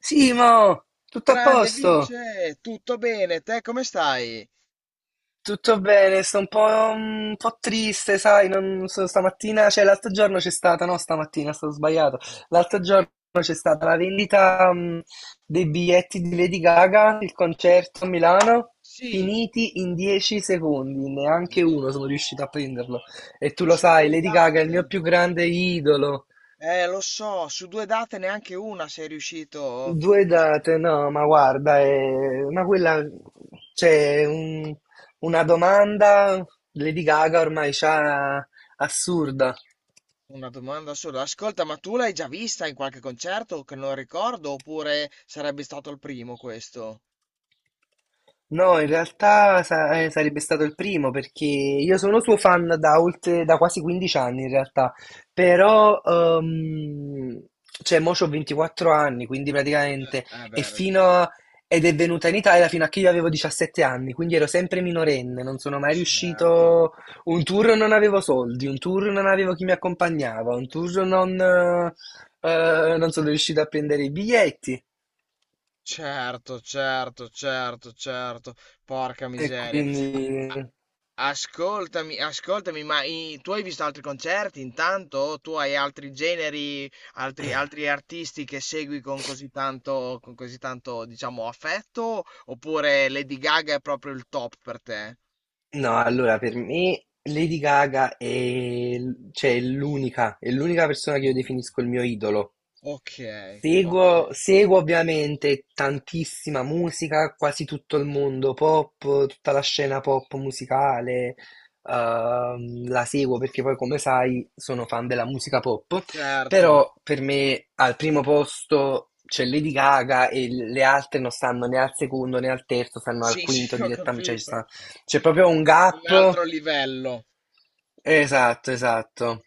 Simo, tutto a Grande posto? Vince, tutto bene? Te come stai? Tutto bene, sto un po' triste, sai, non so, stamattina, cioè l'altro giorno c'è stata, no, stamattina, stato sbagliato, l'altro giorno c'è stata la vendita, dei biglietti di Lady Gaga, il concerto a Milano, Sì. finiti in 10 secondi, neanche No. uno sono riuscito a prenderlo. E tu lo Su sai, due Lady Gaga è il mio date. più grande idolo. Lo so, su due date neanche una sei riuscito. Due date, no, ma guarda, ma quella c'è una domanda Lady Gaga ormai c'ha assurda. Una domanda sola. Ascolta, ma tu l'hai già vista in qualche concerto che non ricordo, oppure sarebbe stato il primo questo? No, in realtà sarebbe stato il primo perché io sono suo fan da oltre, da quasi 15 anni in realtà, però cioè mo c'ho 24 anni, quindi Cioè. praticamente Eh e beh. fino a- ed è venuta in Italia fino a che io avevo 17 anni, quindi ero sempre minorenne, non sono mai Certo. riuscito, un tour non avevo soldi, un tour non avevo chi mi accompagnava, un tour non sono riuscito a prendere i biglietti Certo, certo, certo, certo. Porca e miseria. A- a- quindi Ascoltami, ascoltami, ma tu hai visto altri concerti intanto? O tu hai altri generi, altri, Io altri artisti che segui con così tanto, diciamo, affetto? Oppure Lady Gaga è proprio il top per te? no, allora per me Lady Gaga è, cioè, è l'unica persona che io Mm. definisco il mio idolo. Ok, ok, Seguo ovviamente tantissima musica, quasi tutto il mondo pop, tutta la scena pop musicale, la seguo perché poi come sai sono fan della musica pop, certo. però per me al primo posto c'è Lady Gaga e le altre non stanno né al secondo né al terzo, stanno al Sì, sì, quinto ho direttamente, cioè ci sta capito. c'è proprio un Un altro gap. livello. Esatto, esatto.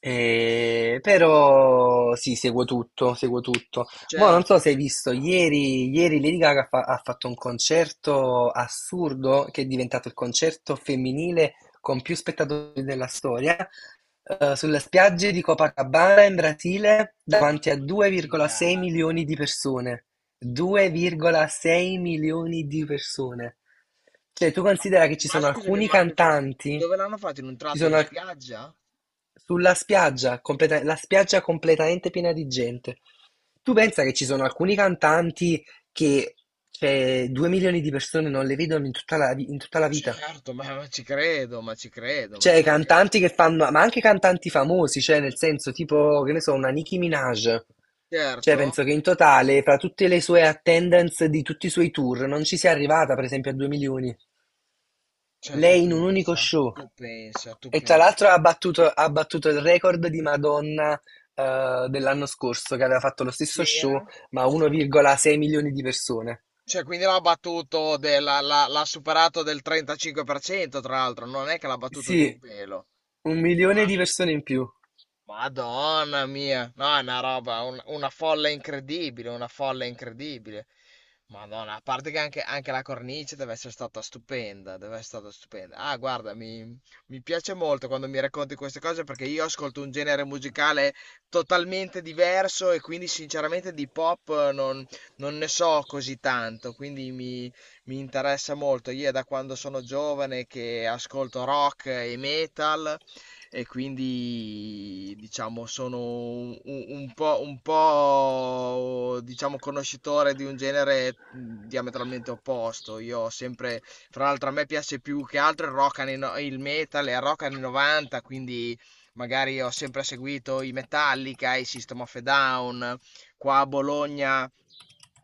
Però sì, seguo tutto, seguo tutto. Mo' non Certo. so se hai visto, ieri Lady Gaga ha fatto un concerto assurdo che è diventato il concerto femminile con più spettatori della storia, sulle spiagge di Copacabana in Brasile No, davanti a ma che 2,6 milioni figata. di persone, No. 2,6 milioni di persone. Cioè, tu Ma, considera che ci ma sono scusami, alcuni cantanti, dove l'hanno fatto? In un ci tratto sono di al- spiaggia? sulla spiaggia, la spiaggia completamente piena di gente. Tu pensa che ci sono alcuni cantanti che, cioè, 2 milioni di persone non le vedono in tutta la, in tutta la vita? Certo, ma ci credo, ma ci credo, ma Cioè, ci credo. cantanti che fanno, ma anche cantanti famosi, cioè nel senso tipo, che ne so, una Nicki Minaj. Cioè, Certo? penso che in totale, fra tutte le sue attendance di tutti i suoi tour, non ci sia arrivata, per esempio, a 2 milioni. Cioè, tu Lei in un unico pensa, show. tu pensa, tu E tra l'altro pensa. ha battuto il record di Madonna, dell'anno scorso, che aveva fatto lo stesso show, C'era? ma a 1,6 milioni di persone. Cioè, quindi l'ha battuto, l'ha superato del 35%, tra l'altro, non è che l'ha battuto di un Sì, pelo. un Ma milione di persone in più. Madonna mia, no, è una roba, una folla incredibile, una folla incredibile. Madonna, a parte che anche, anche la cornice deve essere stata stupenda, deve essere stata stupenda. Ah, guarda, mi piace molto quando mi racconti queste cose perché io ascolto un genere musicale totalmente diverso e quindi sinceramente di pop non ne so così tanto, quindi mi interessa molto. Io è da quando sono giovane che ascolto rock e metal e quindi diciamo sono un po', diciamo conoscitore di un genere diametralmente opposto. Io ho sempre, fra l'altro a me piace più che altro il rock anni, no- il metal e il rock anni 90, quindi magari ho sempre seguito i Metallica, i System of a Down. Qua a Bologna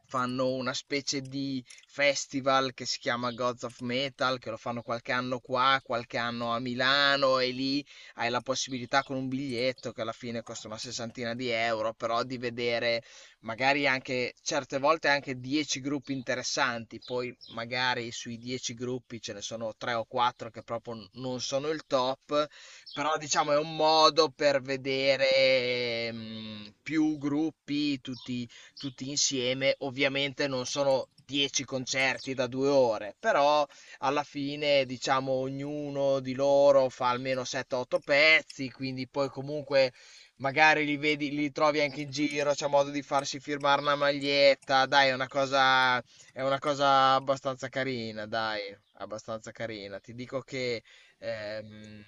fanno una specie di festival che si chiama Gods of Metal, che lo fanno qualche anno qua, qualche anno a Milano e lì hai la possibilità, con un biglietto che alla fine costa una sessantina di euro, però, di vedere magari anche, certe volte, anche 10 gruppi interessanti. Poi magari sui 10 gruppi ce ne sono 3 o 4 che proprio non sono il top, però diciamo è un modo per vedere mm, più gruppi, tutti insieme. Ovviamente non sono 10 concerti da 2 ore, però alla fine, diciamo, ognuno di loro fa almeno 7-8 pezzi, quindi poi comunque magari li vedi, li trovi anche in giro, c'è modo di farsi firmare una maglietta, dai, è una cosa abbastanza carina, dai, abbastanza carina. Ti dico che ehm,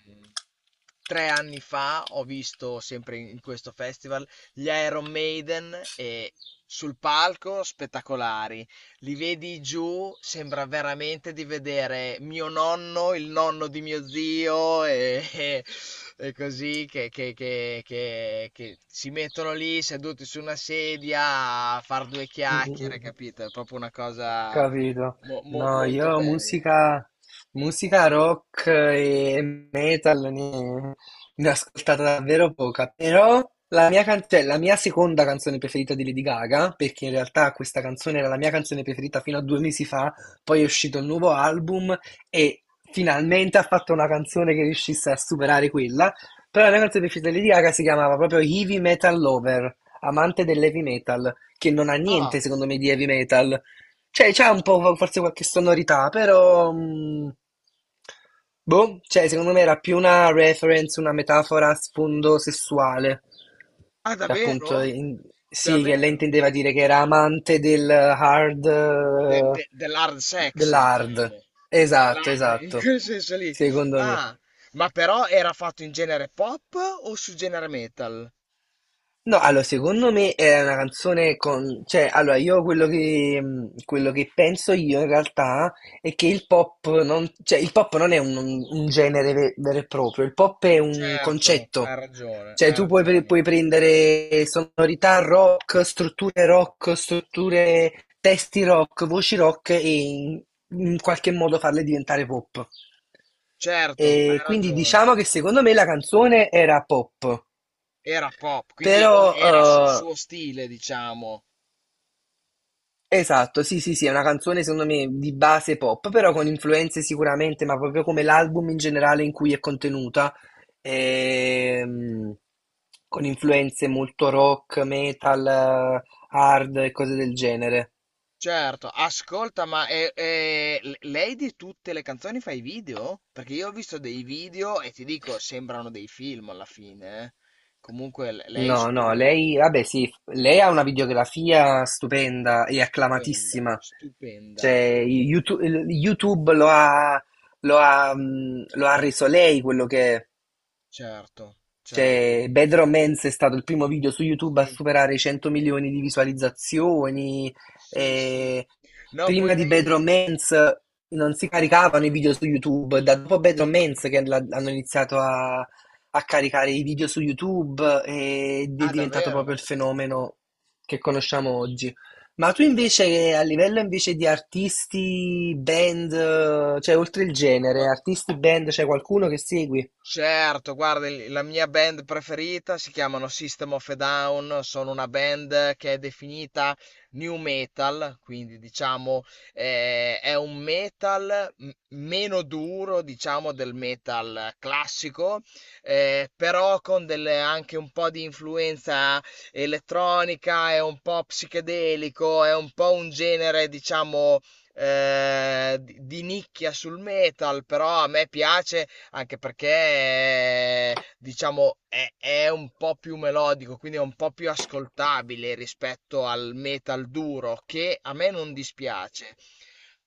3 anni fa ho visto sempre in questo festival gli Iron Maiden e, sul palco, spettacolari, li vedi giù, sembra veramente di vedere mio nonno, il nonno di mio zio, e e così, che si mettono lì seduti su una sedia a far due Mm, mm, chiacchiere, mm. capito? È proprio una cosa Capito. No, molto io bella. Musica rock e metal ne, ne ho ascoltata davvero poca, però la mia, cioè, la mia seconda canzone preferita di Lady Gaga, perché in realtà questa canzone era la mia canzone preferita fino a 2 mesi fa, poi è uscito il nuovo album e finalmente ha fatto una canzone che riuscisse a superare quella, però la mia canzone preferita di Lady Gaga si chiamava proprio Heavy Metal Lover, amante dell'heavy metal, che non ha niente Ah, secondo me di heavy metal. Cioè, c'è un po' forse qualche sonorità, però boh, cioè, secondo me era più una reference, una metafora a sfondo sessuale. ah, Cioè, appunto, davvero? Sì, che lei Davvero? intendeva dire che era amante del hard, Dell'hard sex, dell'hard. diciamo. Esatto, Lara, in esatto. quel senso lì. Secondo me. Ah, ma però era fatto in genere pop o su genere metal? No, allora secondo me era una canzone con, cioè, allora io quello che penso io in realtà è che il pop non, cioè, il pop non è un, genere vero e proprio, il pop è un Certo, hai concetto, ragione, cioè hai tu puoi, ragione. puoi prendere sonorità rock, strutture, testi rock, voci rock e in qualche modo farle diventare pop. Certo, E hai quindi ragione. diciamo che secondo me la canzone era pop. Era pop, quindi era Però era sul suo stile, diciamo. Esatto, sì, sì, sì, è una canzone secondo me di base pop, però con influenze sicuramente, ma proprio come l'album in generale in cui è contenuta, ehm, con influenze molto rock, metal, hard e cose del genere. Certo, ascolta, ma lei di tutte le canzoni fa i video? Perché io ho visto dei video e ti dico, sembrano dei film alla fine. Eh. Comunque, lei No, su no, quello lì. lei, vabbè, sì, lei ha una videografia stupenda e Stupenda, acclamatissima. stupenda, Cioè, stupenda. YouTube lo ha reso lei quello che è. Certo, certo. Cioè, Bad Romance è stato il primo video su YouTube a Sì, superare i 100 milioni di visualizzazioni. sì, sì. E No, poi prima di Bad lei... Romance non si caricavano i video su YouTube. Da dopo Bad Romance che hanno iniziato a, caricare i video su YouTube ed è Ah, diventato proprio il davvero? fenomeno che conosciamo oggi. Ma tu Eh, invece, a livello invece di artisti, band, cioè oltre il genere, Gua- artisti, band, c'è qualcuno che segui? Certo, guarda, la mia band preferita si chiamano System of a Down, sono una band che è definita new metal, quindi diciamo è un metal meno duro, diciamo, del metal classico, però con anche un po' di influenza elettronica, è un po' psichedelico, è un po' un genere, diciamo, di nicchia sul metal, però a me piace anche perché diciamo è, un po' più melodico, quindi è un po' più ascoltabile rispetto al metal duro, che a me non dispiace.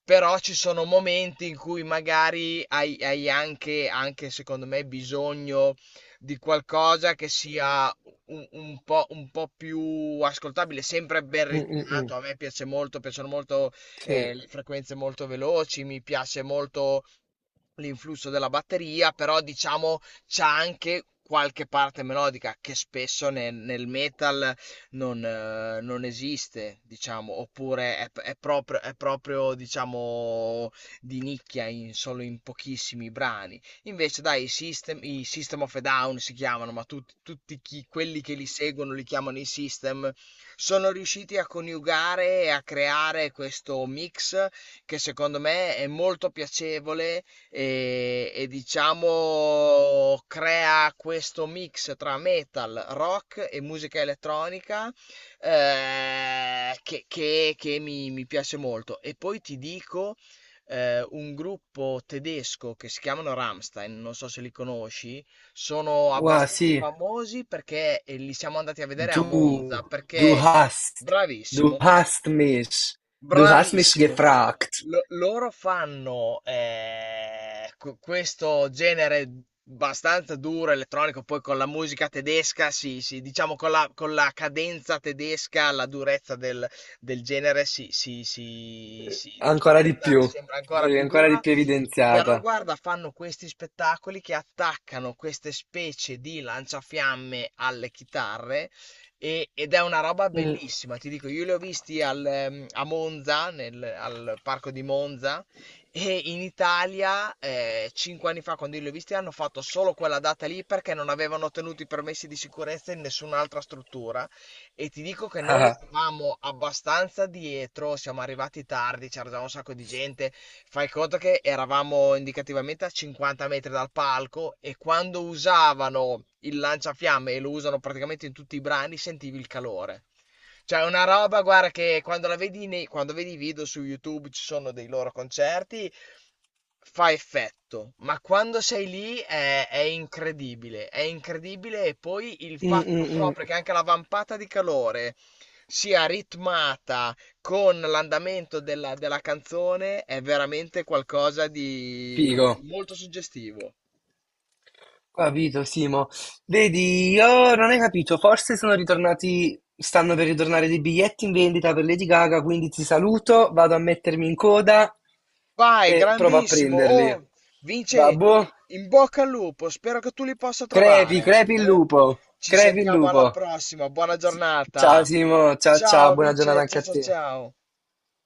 Però ci sono momenti in cui magari hai anche, anche, secondo me, bisogno di qualcosa che sia un po' più ascoltabile, sempre ben Mm, mm, mm. ritonato. A me piace molto, piacciono molto Sì. Le frequenze molto veloci, mi piace molto l'influsso della batteria, però diciamo c'ha anche qualche parte melodica che spesso nel metal non esiste, diciamo, oppure è proprio, diciamo, di nicchia solo in pochissimi brani. Invece, dai, i System of a Down si chiamano, ma quelli che li seguono li chiamano i System, sono riusciti a coniugare e a creare questo mix che secondo me è molto piacevole e diciamo crea questo mix tra metal, rock e musica elettronica, che mi piace molto. E poi ti dico un gruppo tedesco che si chiamano Rammstein, non so se li conosci, sono Wa, abbastanza sí, famosi perché, li siamo andati a vedere a du, Monza, du perché... hast, du Bravissimo. hast mich, du hast mich Bravissimo. gefragt. Lo loro fanno, q questo genere abbastanza duro, elettronico, poi con la musica tedesca si diciamo con la cadenza tedesca, la durezza del genere si si si Eh, si Ancora di diventa, più, sembra ancora più ancora di dura, più però evidenziata. guarda, fanno questi spettacoli che attaccano queste specie di lanciafiamme alle chitarre ed è una roba Mm, bellissima, ti dico, io li ho visti a Monza, nel al parco di Monza, e in Italia, 5 anni fa, quando io li ho visti, hanno fatto solo quella data lì perché non avevano ottenuto i permessi di sicurezza in nessun'altra struttura. E ti dico che noi ah, eravamo abbastanza dietro, siamo arrivati tardi, c'era già un sacco di gente. Fai conto che eravamo indicativamente a 50 metri dal palco e quando usavano il lanciafiamme, e lo usano praticamente in tutti i brani, sentivi il calore. Cioè, è una roba, guarda, che quando la vedi quando vedi i video su YouTube, ci sono dei loro concerti, fa effetto, ma quando sei lì è incredibile, è incredibile. E poi il mm, fatto mm, mm. proprio che anche la vampata di calore sia ritmata con l'andamento della canzone è veramente qualcosa di Figo. molto suggestivo. Capito, Simo. Vedi, io non hai capito, forse sono ritornati, stanno per ritornare dei biglietti in vendita per Lady Gaga, quindi ti saluto, vado a mettermi in coda Vai, e provo a grandissimo! prenderli. Oh, Va Vince, in, boh? in bocca al lupo, spero che tu li possa Crepi, trovare. crepi il Eh? lupo, Ci crepi il sentiamo alla lupo. prossima, buona Ciao giornata! Simo, ciao ciao, Ciao buona giornata Vince, anche ciao a ciao te. ciao!